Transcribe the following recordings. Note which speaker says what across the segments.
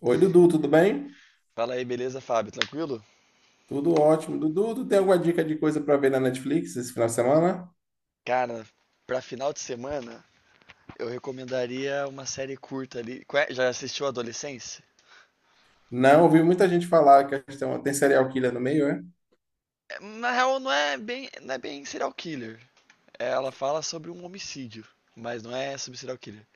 Speaker 1: Oi, Dudu, tudo bem?
Speaker 2: Fala aí, beleza, Fábio? Tranquilo?
Speaker 1: Tudo ótimo. Dudu, tu tem alguma dica de coisa para ver na Netflix esse final de semana?
Speaker 2: Cara, pra final de semana, eu recomendaria uma série curta ali. Qual é? Já assistiu Adolescência?
Speaker 1: Não, ouvi muita gente falar que a questão tem serial killer no meio, é?
Speaker 2: É. Na real, não é bem serial killer. É. Ela fala sobre um homicídio, mas não é sobre serial killer.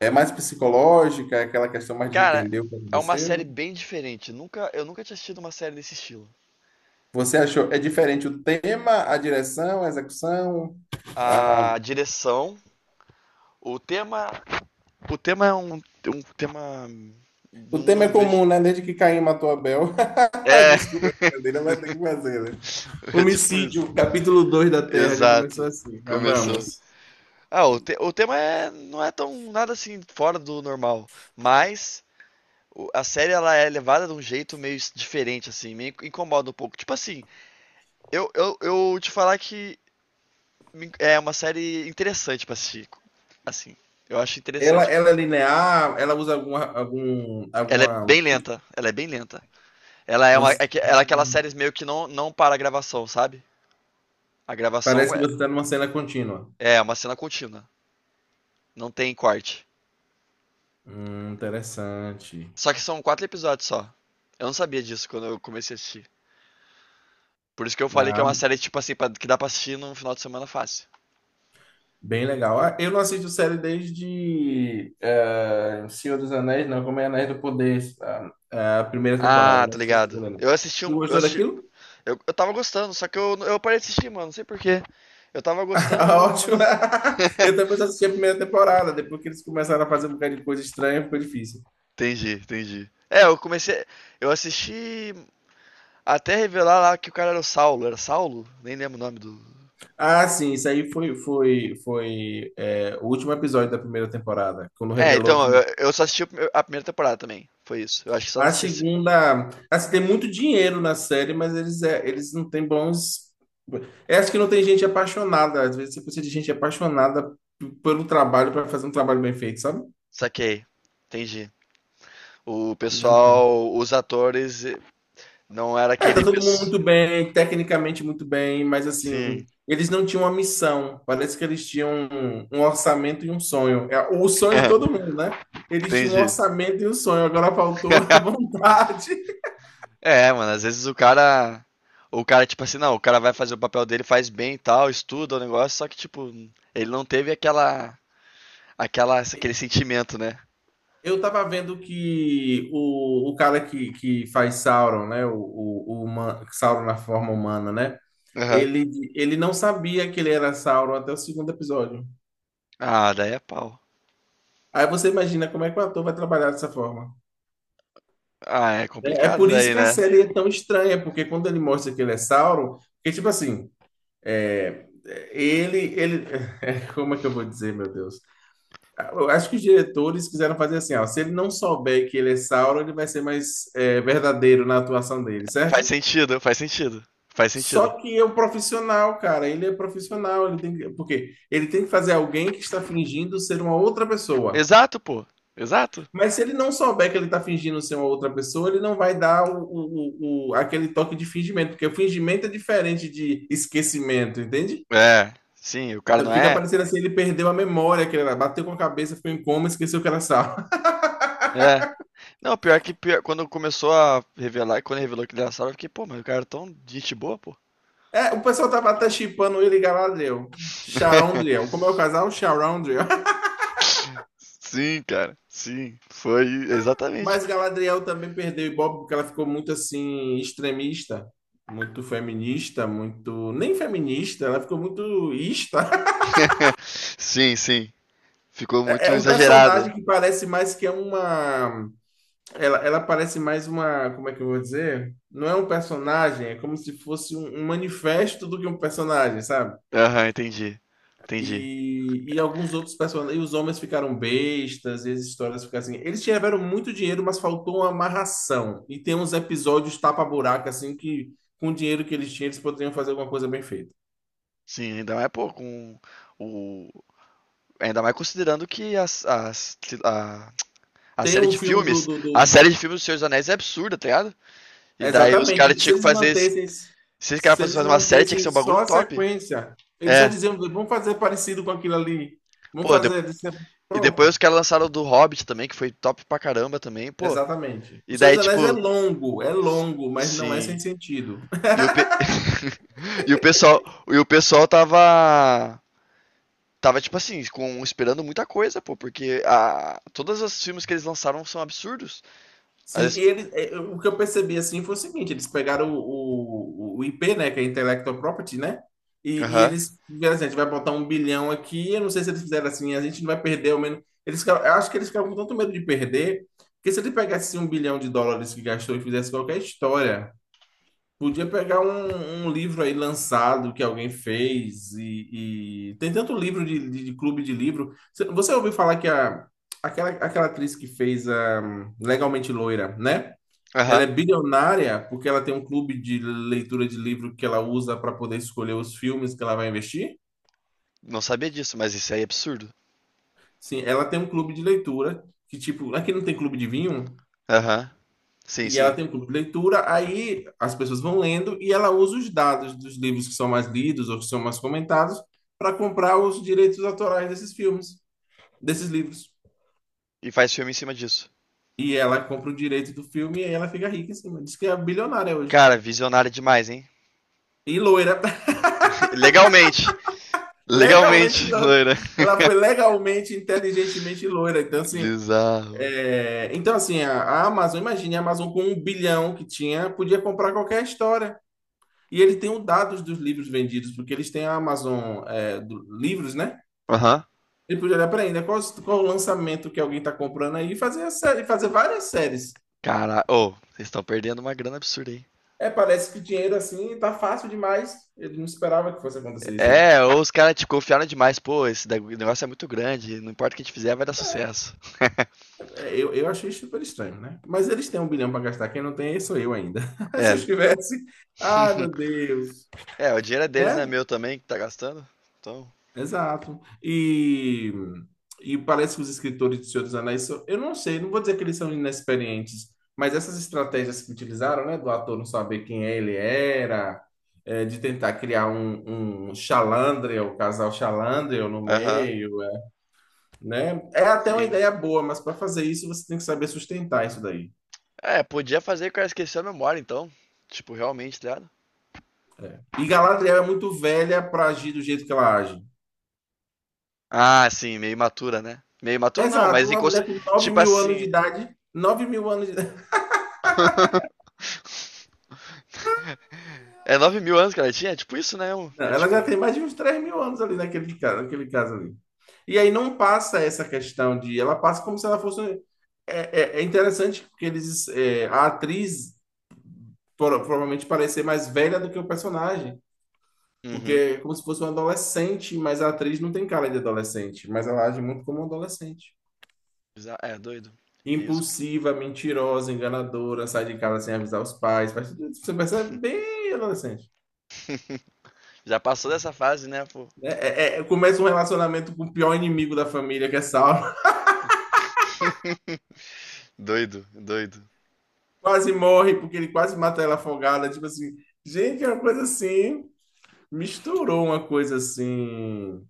Speaker 1: É mais psicológica, é aquela questão mais de
Speaker 2: Cara,
Speaker 1: entender o que
Speaker 2: é uma
Speaker 1: aconteceu.
Speaker 2: série bem diferente. Nunca, Eu nunca tinha assistido uma série desse estilo.
Speaker 1: Você achou? É diferente o tema, a direção, a execução? Ah,
Speaker 2: A direção, o tema, o tema é um tema.
Speaker 1: o tema é
Speaker 2: Não vejo.
Speaker 1: comum, né? Desde que Caim matou Abel.
Speaker 2: É,
Speaker 1: Desculpa, brincadeira, vai ter que fazer, né?
Speaker 2: é tipo isso.
Speaker 1: Homicídio, capítulo 2 da Terra, já
Speaker 2: Exato.
Speaker 1: começou assim, mas
Speaker 2: Começou.
Speaker 1: vamos.
Speaker 2: O tema é, não é tão nada assim fora do normal, mas a série, ela é levada de um jeito meio diferente assim, incomoda um pouco. Tipo assim, eu te falar que é uma série interessante pra assistir, assim. Eu acho
Speaker 1: Ela,
Speaker 2: interessante.
Speaker 1: ela é linear? Ela usa alguma, algum,
Speaker 2: Ela é
Speaker 1: alguma
Speaker 2: bem lenta, ela é bem lenta. Ela é uma
Speaker 1: Você...
Speaker 2: ela é aquelas séries meio que não para a gravação, sabe? A gravação
Speaker 1: Parece que
Speaker 2: é
Speaker 1: você está numa cena contínua.
Speaker 2: é uma cena contínua, não tem corte.
Speaker 1: Interessante.
Speaker 2: Só que são 4 episódios só. Eu não sabia disso quando eu comecei a assistir. Por isso que eu falei que é
Speaker 1: Ah,
Speaker 2: uma série, tipo assim, que dá pra assistir num final de semana fácil.
Speaker 1: bem legal. Ah, eu não assisto série desde Senhor dos Anéis, não, como é Anéis do Poder, a primeira temporada,
Speaker 2: Ah,
Speaker 1: não
Speaker 2: tá
Speaker 1: assisti a
Speaker 2: ligado.
Speaker 1: segunda, não.
Speaker 2: Eu assisti
Speaker 1: Tu
Speaker 2: um.
Speaker 1: gostou
Speaker 2: Assisti,
Speaker 1: daquilo?
Speaker 2: eu tava gostando, só que eu parei de assistir, mano. Não sei porquê. Eu tava gostando,
Speaker 1: Ótimo!
Speaker 2: mas.
Speaker 1: Eu também só assisti a primeira temporada, depois que eles começaram a fazer um bocado de coisa estranha, ficou difícil.
Speaker 2: Entendi, entendi. É, eu comecei. Eu assisti até revelar lá que o cara era o Saulo. Era Saulo? Nem lembro o nome do.
Speaker 1: Ah, sim, isso aí foi é, o último episódio da primeira temporada, quando
Speaker 2: É,
Speaker 1: revelou
Speaker 2: então,
Speaker 1: que
Speaker 2: eu só assisti a primeira temporada também. Foi isso. Eu acho que só não
Speaker 1: a
Speaker 2: assisti. A se-
Speaker 1: segunda, assim, tem muito dinheiro na série, mas eles não têm bons. É acho que não tem gente apaixonada. Às vezes você precisa de gente apaixonada pelo trabalho para fazer um trabalho bem feito, sabe?
Speaker 2: Saquei. Entendi. O
Speaker 1: Não tem.
Speaker 2: pessoal, os atores, não era
Speaker 1: É, tá
Speaker 2: aquele.
Speaker 1: todo mundo muito bem, tecnicamente muito bem, mas
Speaker 2: Sim,
Speaker 1: assim, eles não tinham uma missão. Parece que eles tinham um orçamento e um sonho. É o sonho de todo mundo, né? Eles tinham um
Speaker 2: entendi.
Speaker 1: orçamento e um sonho, agora faltou a vontade.
Speaker 2: É, mano, às vezes o cara. O cara, tipo assim, não, o cara vai fazer o papel dele, faz bem e tal, estuda o negócio, só que, tipo, ele não teve aquela. Aquele sentimento, né?
Speaker 1: Eu tava vendo que o cara que faz Sauron, né? O Sauron na forma humana, né?
Speaker 2: Aham.
Speaker 1: Ele, ele não sabia que ele era Sauron até o segundo episódio.
Speaker 2: Ah, daí é pau.
Speaker 1: Aí você imagina como é que o ator vai trabalhar dessa forma.
Speaker 2: Ah, é
Speaker 1: É
Speaker 2: complicado
Speaker 1: por isso
Speaker 2: daí,
Speaker 1: que a
Speaker 2: né?
Speaker 1: série é tão estranha, porque quando ele mostra que ele é Sauron, porque tipo assim, é, ele, ele, como é que eu vou dizer, meu Deus? Eu acho que os diretores quiseram fazer assim, ó, se ele não souber que ele é Sauron, ele vai ser mais verdadeiro na atuação dele,
Speaker 2: Faz
Speaker 1: certo?
Speaker 2: sentido, faz sentido. Faz sentido.
Speaker 1: Só que é um profissional, cara, ele é profissional, ele tem que, porque ele tem que fazer alguém que está fingindo ser uma outra pessoa.
Speaker 2: Exato, pô. Exato.
Speaker 1: Mas se ele não souber que ele está fingindo ser uma outra pessoa, ele não vai dar aquele toque de fingimento, porque o fingimento é diferente de esquecimento, entende?
Speaker 2: É, sim, o cara
Speaker 1: Então
Speaker 2: não
Speaker 1: fica
Speaker 2: é.
Speaker 1: parecendo assim, ele perdeu a memória que ele era, bateu com a cabeça, ficou em coma, esqueceu que era Sauron.
Speaker 2: É. Não, quando começou a revelar, quando revelou que ele era Sauron, eu fiquei, pô, mas o cara é tão gente boa, pô.
Speaker 1: É, o pessoal tava até chipando ele e Galadriel. Charondriel. Como é o casal? Charondriel.
Speaker 2: Sim, cara, sim, foi exatamente.
Speaker 1: Mas Galadriel também perdeu Ibope porque ela ficou muito assim, extremista. Muito feminista, muito. Nem feminista, ela ficou muito ista.
Speaker 2: Sim, sim, ficou
Speaker 1: É
Speaker 2: muito
Speaker 1: é um
Speaker 2: exagerado.
Speaker 1: personagem que parece mais que é uma. Ela parece mais uma. Como é que eu vou dizer? Não é um personagem, é como se fosse um manifesto do que um personagem, sabe?
Speaker 2: Aham, entendi, entendi.
Speaker 1: E alguns outros personagens. E os homens ficaram bestas, e as histórias ficaram assim. Eles tiveram muito dinheiro, mas faltou uma amarração. E tem uns episódios tapa-buraco, assim, que com o dinheiro que eles tinham, eles poderiam fazer alguma coisa bem feita.
Speaker 2: Sim, ainda mais, pô, com o. Ainda mais considerando que a, a
Speaker 1: Tem
Speaker 2: série
Speaker 1: o
Speaker 2: de
Speaker 1: filme do,
Speaker 2: filmes,
Speaker 1: do,
Speaker 2: a
Speaker 1: do-
Speaker 2: série de filmes do Senhor dos Anéis é absurda, tá ligado? E daí os caras
Speaker 1: Exatamente. Se
Speaker 2: tinham que
Speaker 1: eles
Speaker 2: fazer esse.
Speaker 1: mantessem,
Speaker 2: Se os caras
Speaker 1: se
Speaker 2: fossem
Speaker 1: eles
Speaker 2: fazer uma série, tinha que
Speaker 1: mantessem
Speaker 2: ser um bagulho
Speaker 1: só a
Speaker 2: top.
Speaker 1: sequência, eles só
Speaker 2: É.
Speaker 1: diziam, vamos fazer parecido com aquilo ali.
Speaker 2: Pô,
Speaker 1: Vamos fazer.
Speaker 2: e depois os
Speaker 1: Pronto.
Speaker 2: caras lançaram do Hobbit também, que foi top pra caramba também, pô.
Speaker 1: Exatamente.
Speaker 2: E
Speaker 1: O Senhor
Speaker 2: daí,
Speaker 1: dos Anéis
Speaker 2: tipo,
Speaker 1: é longo, mas não é sem
Speaker 2: sim.
Speaker 1: sentido.
Speaker 2: E o, pe... e o pessoal. E o pessoal tava. Tava, tipo assim, com, esperando muita coisa, pô, porque a, todos os filmes que eles lançaram são absurdos. Às
Speaker 1: Sim, e
Speaker 2: vezes.
Speaker 1: ele, é, o que eu percebi assim foi o seguinte: eles pegaram o IP, né, que é Intellectual Property, né? E
Speaker 2: Aham,
Speaker 1: eles, fizeram assim, a gente vai botar um bilhão aqui. Eu não sei se eles fizeram assim, a gente não vai perder ao menos. Eu acho que eles ficaram com tanto medo de perder, que se ele pegasse um bilhão de dólares que gastou e fizesse qualquer história, podia pegar um livro aí lançado que alguém fez. E tem tanto livro de, de clube de livro. Você ouviu falar que aquela atriz que fez a Legalmente Loira, né? Ela é
Speaker 2: aham.
Speaker 1: bilionária porque ela tem um clube de leitura de livro que ela usa para poder escolher os filmes que ela vai investir?
Speaker 2: Não sabia disso, mas isso aí é absurdo.
Speaker 1: Sim, ela tem um clube de leitura que, tipo, aqui não tem clube de vinho,
Speaker 2: Aham, sim,
Speaker 1: e ela
Speaker 2: sim.
Speaker 1: tem um clube de leitura, aí as pessoas vão lendo e ela usa os dados dos livros que são mais lidos ou que são mais comentados para comprar os direitos autorais desses filmes, desses livros.
Speaker 2: E faz filme em cima disso.
Speaker 1: E ela compra o direito do filme e aí ela fica rica em cima. Diz que é bilionária hoje.
Speaker 2: Cara, visionário demais, hein?
Speaker 1: E loira.
Speaker 2: Legalmente.
Speaker 1: Legalmente,
Speaker 2: Legalmente, loira.
Speaker 1: ela foi legalmente, inteligentemente loira. Então, assim,
Speaker 2: Bizarro.
Speaker 1: é, então, assim a Amazon, imagine a Amazon com um bilhão que tinha, podia comprar qualquer história. E ele tem os dados dos livros vendidos, porque eles têm a Amazon livros, né?
Speaker 2: Aham.
Speaker 1: Ele podia olhar para ainda qual o lançamento que alguém está comprando aí e fazer, a série, fazer várias séries.
Speaker 2: Cara, ô, vocês estão perdendo uma grana absurda aí.
Speaker 1: É, parece que dinheiro assim tá fácil demais. Ele não esperava que fosse acontecer isso aí.
Speaker 2: É, ou os caras te confiaram demais, pô, negócio é muito grande, não importa o que a gente fizer, vai dar sucesso.
Speaker 1: É, eu achei super estranho, né? Mas eles têm um bilhão para gastar, quem não tem sou eu ainda. Se eu
Speaker 2: É.
Speaker 1: tivesse, ai meu Deus,
Speaker 2: É, o dinheiro é deles, não é
Speaker 1: né?
Speaker 2: meu também, que tá gastando. Então.
Speaker 1: Exato. E parece que os escritores de Senhor dos Anéis, eu não sei, não vou dizer que eles são inexperientes, mas essas estratégias que utilizaram, né, do ator não saber quem ele era, de tentar criar um Chalandriel, o casal Chalandriel no
Speaker 2: Aham,
Speaker 1: meio, né? É até uma
Speaker 2: sim.
Speaker 1: ideia boa, mas para fazer isso você tem que saber sustentar isso daí.
Speaker 2: É, podia fazer que eu esqueci a memória, então. Tipo, realmente, tá ligado?
Speaker 1: E Galadriel é muito velha para agir do jeito que ela age.
Speaker 2: Ah, sim, meio imatura, né? Meio imatura não,
Speaker 1: Exato,
Speaker 2: mas
Speaker 1: uma
Speaker 2: inconsci...
Speaker 1: mulher com nove
Speaker 2: Tipo
Speaker 1: mil anos de
Speaker 2: assim.
Speaker 1: idade. 9 mil anos de idade.
Speaker 2: É 9.000 anos que ela tinha? É tipo isso, né?
Speaker 1: Não,
Speaker 2: É
Speaker 1: ela
Speaker 2: tipo.
Speaker 1: já
Speaker 2: É.
Speaker 1: tem mais de uns 3 mil anos ali naquele caso ali. E aí não passa essa questão de. Ela passa como se ela fosse. É, interessante porque a atriz provavelmente parecer mais velha do que o personagem. Porque
Speaker 2: Uhum.
Speaker 1: é como se fosse uma adolescente, mas a atriz não tem cara de adolescente, mas ela age muito como uma adolescente.
Speaker 2: É, doido. Isso.
Speaker 1: Impulsiva, mentirosa, enganadora, sai de casa sem avisar os pais, faz tudo isso. Você percebe bem adolescente,
Speaker 2: Já passou dessa fase, né, pô?
Speaker 1: né? É, começa um relacionamento com o pior inimigo da família, que é Saulo.
Speaker 2: Doido, doido.
Speaker 1: Quase morre porque ele quase mata ela afogada. Tipo assim, gente, é uma coisa assim. Misturou uma coisa assim,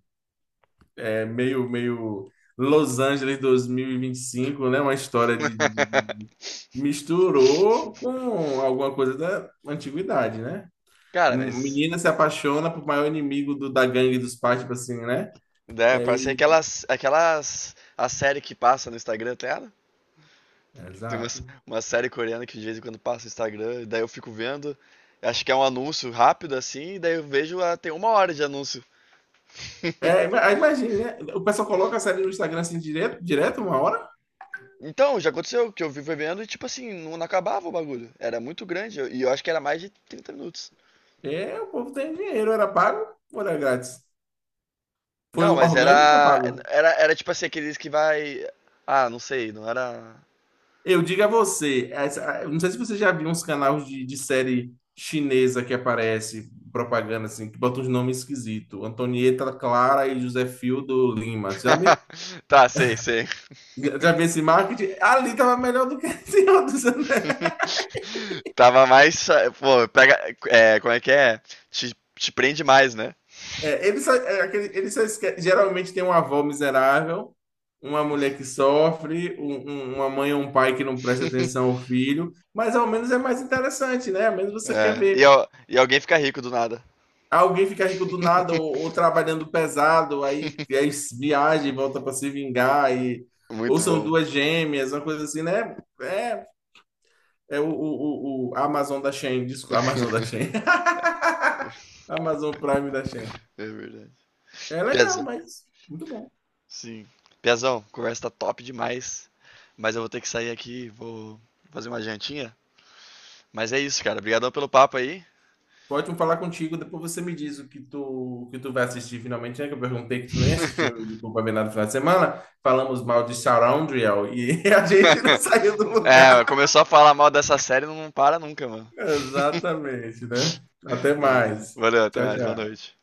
Speaker 1: é meio, meio Los Angeles 2025, né? Uma história misturou com alguma coisa da antiguidade, né?
Speaker 2: Cara,
Speaker 1: Um
Speaker 2: mas.
Speaker 1: menino se apaixona pro maior inimigo da gangue dos pais, tipo assim, né?
Speaker 2: Né,
Speaker 1: É,
Speaker 2: parece aquelas. A série que passa no Instagram, tá ligado?
Speaker 1: é,
Speaker 2: Tem
Speaker 1: exato.
Speaker 2: uma série coreana que de vez em quando passa no Instagram, e daí eu fico vendo. Acho que é um anúncio rápido assim, e daí eu vejo, ah, tem uma hora de anúncio.
Speaker 1: É, aí imagine, né? O pessoal coloca a série no Instagram assim direto, direto, uma hora.
Speaker 2: Então, já aconteceu que eu vi vendo e, tipo assim, não acabava o bagulho. Era muito grande, e eu acho que era mais de 30 minutos.
Speaker 1: É, o povo tem dinheiro, era pago ou era grátis? Foi
Speaker 2: Não, mas
Speaker 1: orgânico ou pago?
Speaker 2: era tipo assim, aqueles que vai. Ah, não sei, não era.
Speaker 1: Eu digo a você, eu não sei se você já viu uns canais de série chinesa que aparece, propaganda assim, que bota uns nomes esquisitos. Antonieta Clara e José Fildo Lima, sabe?
Speaker 2: Tá, sei, sei.
Speaker 1: Já vi esse marketing? Ali tava melhor do que esse outro.
Speaker 2: Tava mais. Pô, pega. É, como é que é? Te prende mais, né?
Speaker 1: É, ele só, geralmente tem uma avó miserável, uma mulher que sofre, uma mãe ou um pai que não presta atenção ao filho, mas ao menos é mais interessante, né? Ao menos você quer
Speaker 2: É, e,
Speaker 1: ver
Speaker 2: e alguém fica rico do nada.
Speaker 1: alguém ficar rico do nada ou, trabalhando pesado, aí viaja e volta para se vingar, e, ou
Speaker 2: Muito
Speaker 1: são
Speaker 2: bom.
Speaker 1: duas gêmeas, uma coisa assim, né? É, é o Amazon da Shein, desculpa, Amazon da Shein, Amazon Prime da Shein.
Speaker 2: É verdade.
Speaker 1: É legal,
Speaker 2: Piazão.
Speaker 1: mas muito bom.
Speaker 2: Sim. Piazão, conversa tá top demais. Mas eu vou ter que sair aqui, vou fazer uma jantinha. Mas é isso, cara. Obrigadão pelo papo aí.
Speaker 1: Foi ótimo falar contigo. Depois você me diz o que tu vai assistir finalmente, né? Que eu perguntei que tu nem assistiu de Culpa Venada no final de semana. Falamos mal de Surroundrial e a gente não saiu do
Speaker 2: É,
Speaker 1: lugar.
Speaker 2: começou a falar mal dessa série, não para nunca, mano.
Speaker 1: Exatamente, né? Até
Speaker 2: É, entendi.
Speaker 1: mais.
Speaker 2: Valeu, até
Speaker 1: Tchau,
Speaker 2: mais, boa
Speaker 1: tchau.
Speaker 2: noite.